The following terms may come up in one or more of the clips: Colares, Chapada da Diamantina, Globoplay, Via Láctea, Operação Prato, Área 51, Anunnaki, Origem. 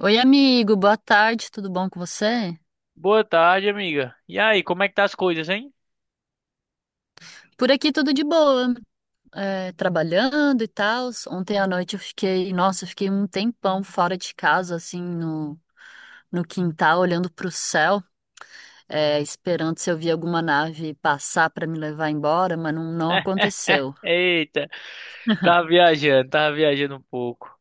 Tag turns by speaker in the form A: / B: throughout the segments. A: Oi, amigo, boa tarde, tudo bom com você?
B: Boa tarde, amiga. E aí, como é que tá as coisas, hein?
A: Por aqui tudo de boa, trabalhando e tal. Ontem à noite eu fiquei, nossa, eu fiquei um tempão fora de casa, assim, no quintal, olhando pro céu, esperando se eu via alguma nave passar para me levar embora, mas não, não aconteceu.
B: Eita, tava viajando um pouco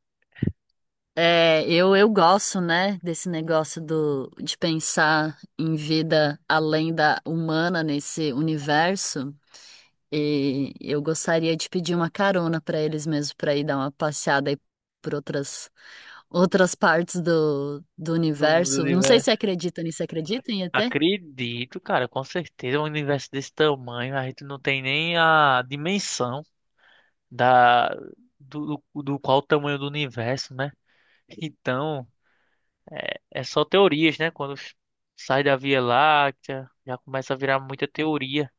A: É, eu gosto, né, desse negócio de pensar em vida além da humana nesse universo. E eu gostaria de pedir uma carona para eles mesmo, para ir dar uma passeada aí por outras partes do
B: do mundo do
A: universo. Não sei se
B: universo.
A: acredita nisso, acredita em ET?
B: Acredito, cara, com certeza. Um universo desse tamanho, a gente não tem nem a dimensão da do qual o tamanho do universo, né? Então, é só teorias, né? Quando sai da Via Láctea, já começa a virar muita teoria.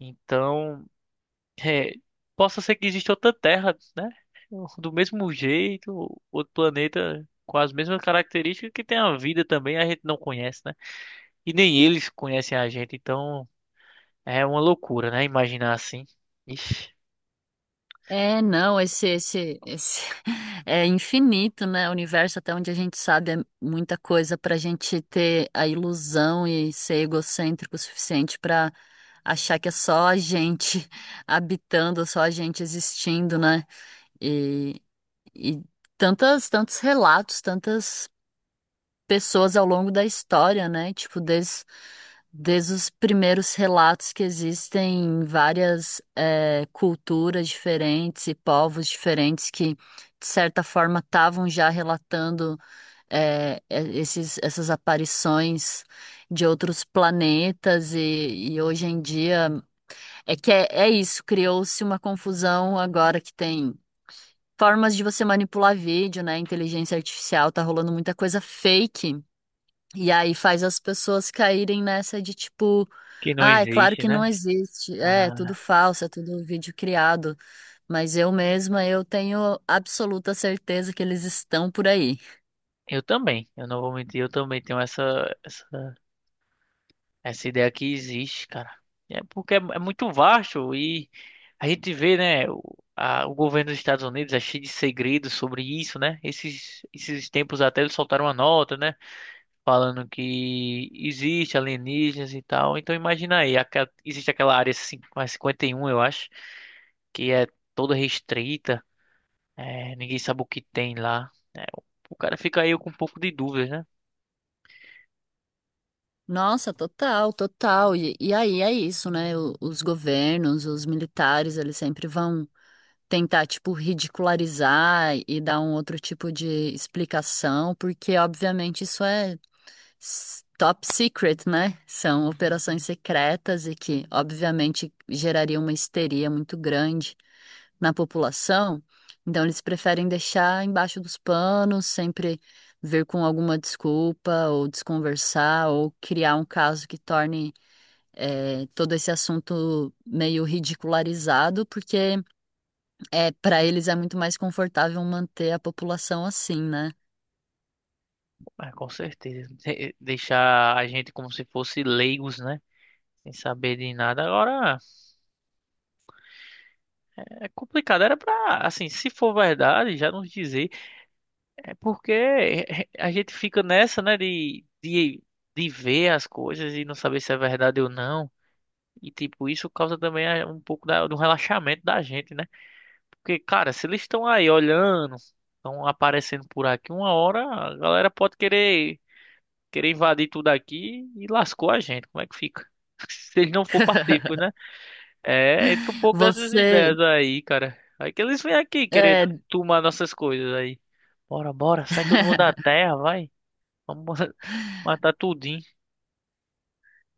B: Então, É, Possa ser que exista outra Terra, né? Do mesmo jeito, outro planeta com as mesmas características, que tem a vida também, a gente não conhece, né? E nem eles conhecem a gente, então é uma loucura, né? Imaginar assim. Ixi,
A: É, não, esse é infinito, né? O universo, até onde a gente sabe, é muita coisa para a gente ter a ilusão e ser egocêntrico o suficiente para achar que é só a gente habitando, só a gente existindo, né? E E tantos relatos, tantas pessoas ao longo da história, né? Tipo, desde os primeiros relatos que existem em várias culturas diferentes e povos diferentes que, de certa forma, estavam já relatando essas aparições de outros planetas e hoje em dia é que é isso, criou-se uma confusão agora que tem formas de você manipular vídeo, né? Inteligência artificial, tá rolando muita coisa fake. E aí faz as pessoas caírem nessa de tipo,
B: que não
A: ah, é claro
B: existe,
A: que não
B: né?
A: existe, é tudo
B: Ah,
A: falso, é tudo vídeo criado, mas eu mesma eu tenho absoluta certeza que eles estão por aí.
B: eu também, eu não vou mentir, eu também tenho essa essa ideia aqui. Existe, cara. É porque é, é muito vasto, e a gente vê, né? O governo dos Estados Unidos é cheio de segredos sobre isso, né? Esses, esses tempos até eles soltaram uma nota, né, falando que existe alienígenas e tal. Então imagina aí, existe aquela área cin- a 51, eu acho, que é toda restrita. É, ninguém sabe o que tem lá, né? O cara fica aí com um pouco de dúvidas, né?
A: Nossa, total, total. E aí é isso, né? Os governos, os militares, eles sempre vão tentar, tipo, ridicularizar e dar um outro tipo de explicação, porque, obviamente, isso é top secret, né? São operações secretas e que, obviamente, gerariam uma histeria muito grande na população. Então, eles preferem deixar embaixo dos panos, sempre vir com alguma desculpa, ou desconversar, ou criar um caso que torne. Todo esse assunto meio ridicularizado, porque para eles é muito mais confortável manter a população assim, né?
B: Mas com certeza. Deixar a gente como se fosse leigos, né? Sem saber de nada. Agora, é complicado. Era pra, assim, se for verdade, já nos dizer. É porque é, é, a gente fica nessa, né, de ver as coisas e não saber se é verdade ou não. E, tipo, isso causa também um pouco do relaxamento da gente, né? Porque, cara, se eles estão aí olhando, estão aparecendo por aqui, uma hora a galera pode querer invadir tudo aqui e lascou a gente. Como é que fica? Se eles não for pacíficos, né? É, entra um pouco dessas ideias
A: Você,
B: aí, cara. Aí que eles vêm aqui querer
A: é,
B: tomar nossas coisas aí. Bora, sai todo mundo da terra, vai. Vamos matar tudinho.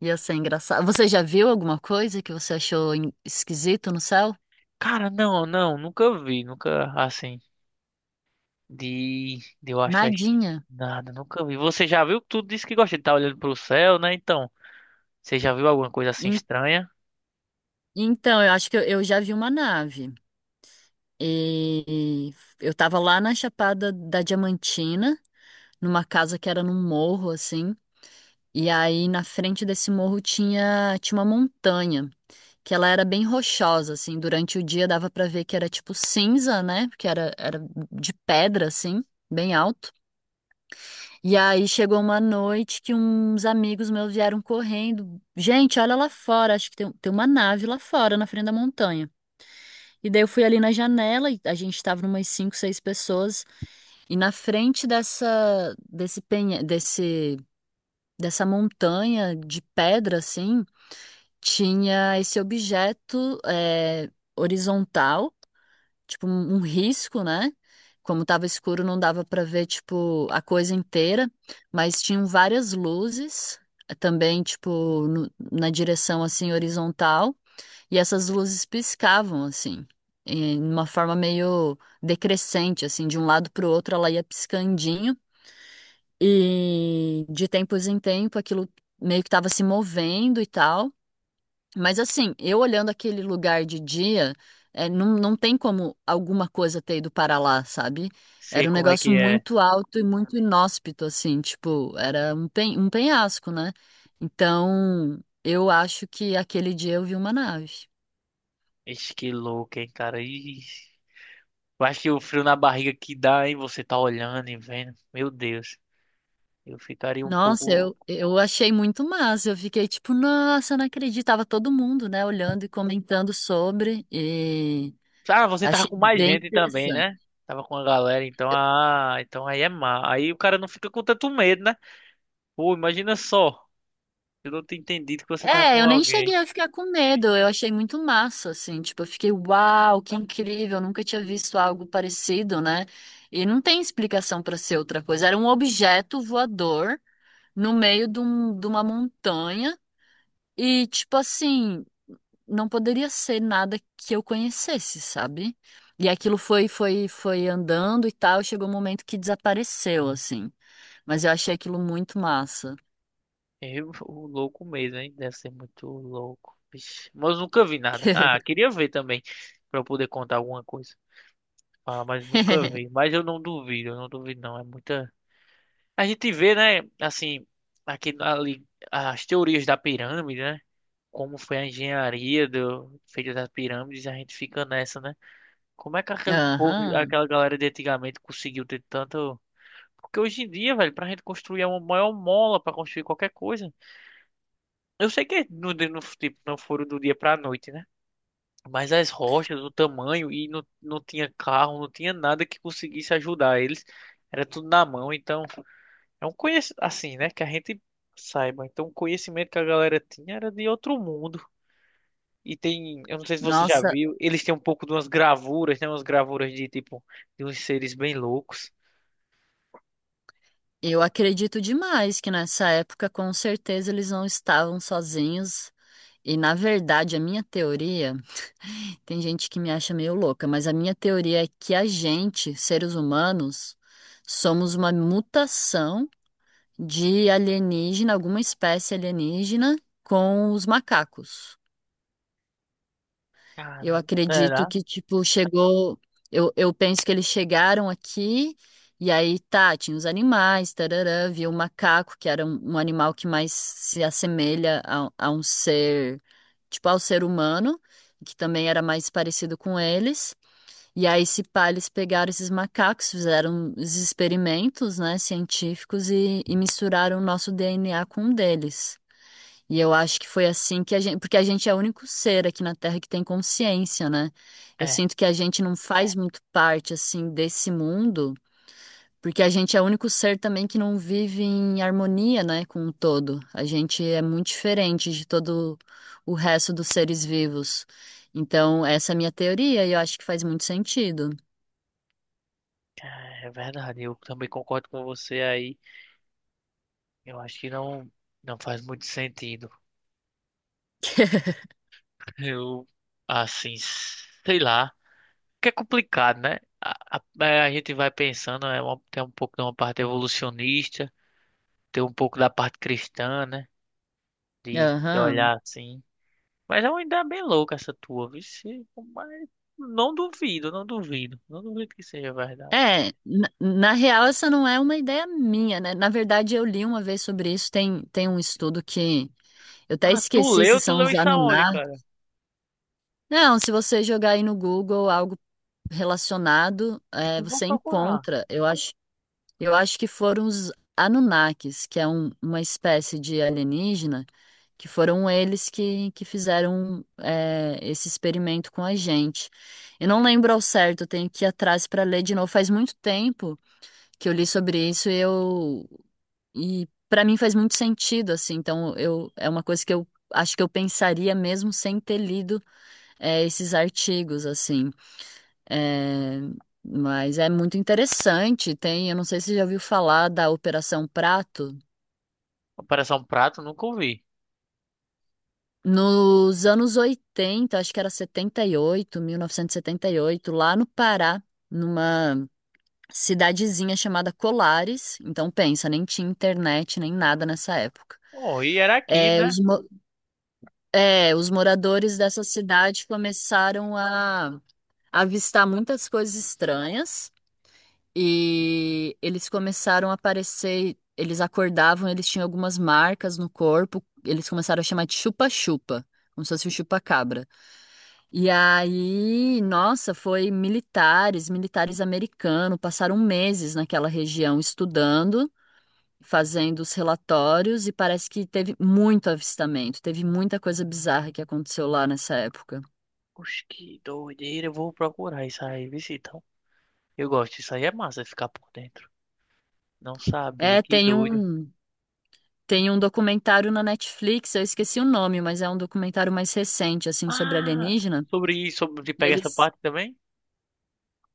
A: Ia ser engraçado. Você já viu alguma coisa que você achou esquisito no céu?
B: Cara, não, não, nunca vi, nunca assim. De eu achar
A: Nadinha.
B: nada, nunca vi. Você já viu? Tu disse que gosta de estar olhando pro céu, né? Então, você já viu alguma coisa assim
A: En-
B: estranha?
A: Então, eu acho que eu já vi uma nave. E eu tava lá na Chapada da Diamantina, numa casa que era num morro, assim. E aí, na frente desse morro tinha uma montanha, que ela era bem rochosa, assim. Durante o dia dava pra ver que era tipo cinza, né? Porque era de pedra, assim, bem alto. E aí chegou uma noite que uns amigos meus vieram correndo. Gente, olha lá fora, acho que tem uma nave lá fora, na frente da montanha. E daí eu fui ali na janela, e a gente tava umas cinco, seis pessoas, e na frente dessa, desse penha, desse, dessa montanha de pedra, assim, tinha esse objeto, horizontal tipo, um risco, né? Como tava escuro, não dava pra ver, tipo, a coisa inteira, mas tinham várias luzes também, tipo, na direção, assim, horizontal, e essas luzes piscavam, assim, em uma forma meio decrescente, assim, de um lado pro outro ela ia piscandinho, e de tempos em tempo aquilo meio que tava se movendo e tal. Mas assim, eu olhando aquele lugar de dia, é, não, não tem como alguma coisa ter ido para lá, sabe?
B: Sei
A: Era um
B: como é
A: negócio
B: que é.
A: muito alto e muito inóspito, assim, tipo, era um penhasco, né? Então, eu acho que aquele dia eu vi uma nave.
B: Ixi, que louco, hein, cara. Ixi. Eu acho que o frio na barriga que dá, hein? Você tá olhando e vendo. Meu Deus. Eu ficaria um
A: Nossa,
B: pouco.
A: eu achei muito massa. Eu fiquei tipo, nossa, eu não acreditava todo mundo, né, olhando e comentando sobre, e
B: Ah, você tava
A: achei
B: com mais
A: bem
B: gente também,
A: interessante.
B: né? Tava com a galera, então, ah, então aí é má. Aí o cara não fica com tanto medo, né? Pô, imagina só. Eu não tinha entendido que você tava
A: É,
B: com
A: eu nem
B: alguém.
A: cheguei a ficar com medo, eu achei muito massa, assim, tipo, eu fiquei, uau, que incrível, eu nunca tinha visto algo parecido, né? E não tem explicação pra ser outra coisa, era um objeto voador no meio de uma montanha e, tipo assim, não poderia ser nada que eu conhecesse, sabe? E aquilo foi andando e tal, chegou um momento que desapareceu, assim, mas eu achei aquilo muito massa.
B: Eu, o louco mesmo, hein? Deve ser muito louco. Vixe. Mas eu nunca vi nada. Ah, queria ver também. Pra eu poder contar alguma coisa. Fala mas nunca vi. Mas eu não duvido, não. É muita. A gente vê, né? Assim, aqui ali, as teorias da pirâmide, né? Como foi a engenharia do feita das pirâmides, a gente fica nessa, né? Como é que aquele povo,
A: Aham,
B: aquela galera de antigamente conseguiu ter tanto? Porque hoje em dia, velho, pra gente construir é uma maior mola pra construir qualquer coisa. Eu sei que tipo, não foram do dia pra noite, né? Mas as rochas, o tamanho, e não, não tinha carro, não tinha nada que conseguisse ajudar eles. Era tudo na mão, então é um conhecimento assim, né? Que a gente saiba. Então o conhecimento que a galera tinha era de outro mundo. E tem, eu não sei se você já
A: nossa.
B: viu, eles têm um pouco de umas gravuras, né? Umas gravuras de tipo, de uns seres bem loucos.
A: Eu acredito demais que nessa época, com certeza, eles não estavam sozinhos. E na verdade, a minha teoria, tem gente que me acha meio louca, mas a minha teoria é que a gente, seres humanos, somos uma mutação de alienígena, alguma espécie alienígena com os macacos. Eu
B: Caramba,
A: acredito
B: será?
A: que, tipo, chegou. Eu penso que eles chegaram aqui e aí, tá, tinha os animais, tarará, viu o macaco, que era um animal que mais se assemelha a um ser, tipo, ao ser humano, que também era mais parecido com eles. E aí, se pá, eles pegaram esses macacos, fizeram os experimentos, né, científicos e misturaram o nosso DNA com o deles. E eu acho que foi assim que a gente, porque a gente é o único ser aqui na Terra que tem consciência, né? Eu
B: É,
A: sinto que a gente não faz muito parte assim desse mundo, porque a gente é o único ser também que não vive em harmonia, né, com o todo. A gente é muito diferente de todo o resto dos seres vivos. Então, essa é a minha teoria e eu acho que faz muito sentido.
B: é verdade, eu também concordo com você aí. Eu acho que não, não faz muito sentido. Eu, assim, sei lá. Que é complicado, né? A gente vai pensando, tem um pouco de uma parte evolucionista, tem um pouco da parte cristã, né? De
A: Aham.
B: olhar assim. Mas é uma ideia bem louca essa tua, vixe. Mas não duvido, não duvido. Não duvido que seja verdade.
A: É, na real, essa não é uma ideia minha, né? Na verdade, eu li uma vez sobre isso. Tem um estudo que eu até
B: Ah, tu
A: esqueci
B: leu?
A: se
B: Tu
A: são
B: leu
A: os
B: isso aonde,
A: Anunnaki.
B: cara?
A: Não, se você jogar aí no Google algo relacionado, é,
B: Eu vou
A: você
B: procurar.
A: encontra. Eu acho que foram os Anunnakis, que é uma espécie de alienígena, que foram eles que fizeram é, esse experimento com a gente. Eu não lembro ao certo, eu tenho que ir atrás para ler de novo. Faz muito tempo que eu li sobre isso e eu e para mim faz muito sentido, assim. Então, eu é uma coisa que eu acho que eu pensaria mesmo sem ter lido esses artigos, assim. É, mas é muito interessante. Tem, eu não sei se você já ouviu falar da Operação Prato.
B: Operação Prato, nunca ouvi.
A: Nos anos 80 acho que era setenta e oito mil novecentos e setenta e oito lá no Pará, numa cidadezinha chamada Colares. Então, pensa, nem tinha internet, nem nada nessa época.
B: Oh, e era aqui,
A: É,
B: né?
A: os É, os moradores dessa cidade começaram a avistar muitas coisas estranhas e eles começaram a aparecer. Eles acordavam, eles tinham algumas marcas no corpo, eles começaram a chamar de chupa-chupa, como se fosse o chupa-cabra. E aí, nossa, foi militares americanos, passaram meses naquela região estudando. Fazendo os relatórios e parece que teve muito avistamento, teve muita coisa bizarra que aconteceu lá nessa época.
B: Oxe, que doideira. Eu vou procurar isso aí, vixe, então. Eu gosto, isso aí é massa, ficar por dentro. Não sabia,
A: É,
B: que doido.
A: tem um documentário na Netflix, eu esqueci o nome, mas é um documentário mais recente, assim, sobre
B: Ah,
A: alienígena.
B: sobre isso, sobre te
A: E
B: pegar essa parte também?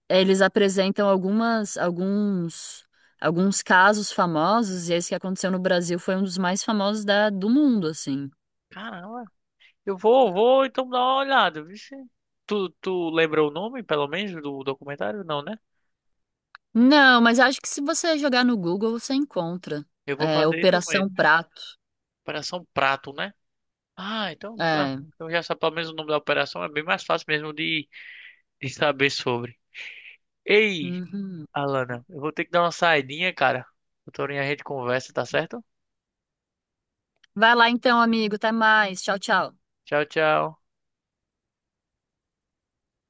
A: eles apresentam alguns casos famosos, e esse que aconteceu no Brasil foi um dos mais famosos da, do mundo, assim.
B: Caramba. Eu vou, então, dar uma olhada, vixe. Tu lembra o nome, pelo menos, do documentário? Não, né?
A: Não, mas acho que se você jogar no Google, você encontra.
B: Eu vou
A: É,
B: fazer isso mesmo.
A: Operação Prato.
B: Operação Prato, né? Ah, então,
A: É.
B: já sabe pelo menos o nome da operação, é bem mais fácil mesmo de saber sobre. Ei,
A: Uhum.
B: Alana, eu vou ter que dar uma saidinha, cara. Doutorinha, a gente conversa, tá certo?
A: Vai lá então, amigo. Até mais. Tchau, tchau.
B: Tchau, tchau.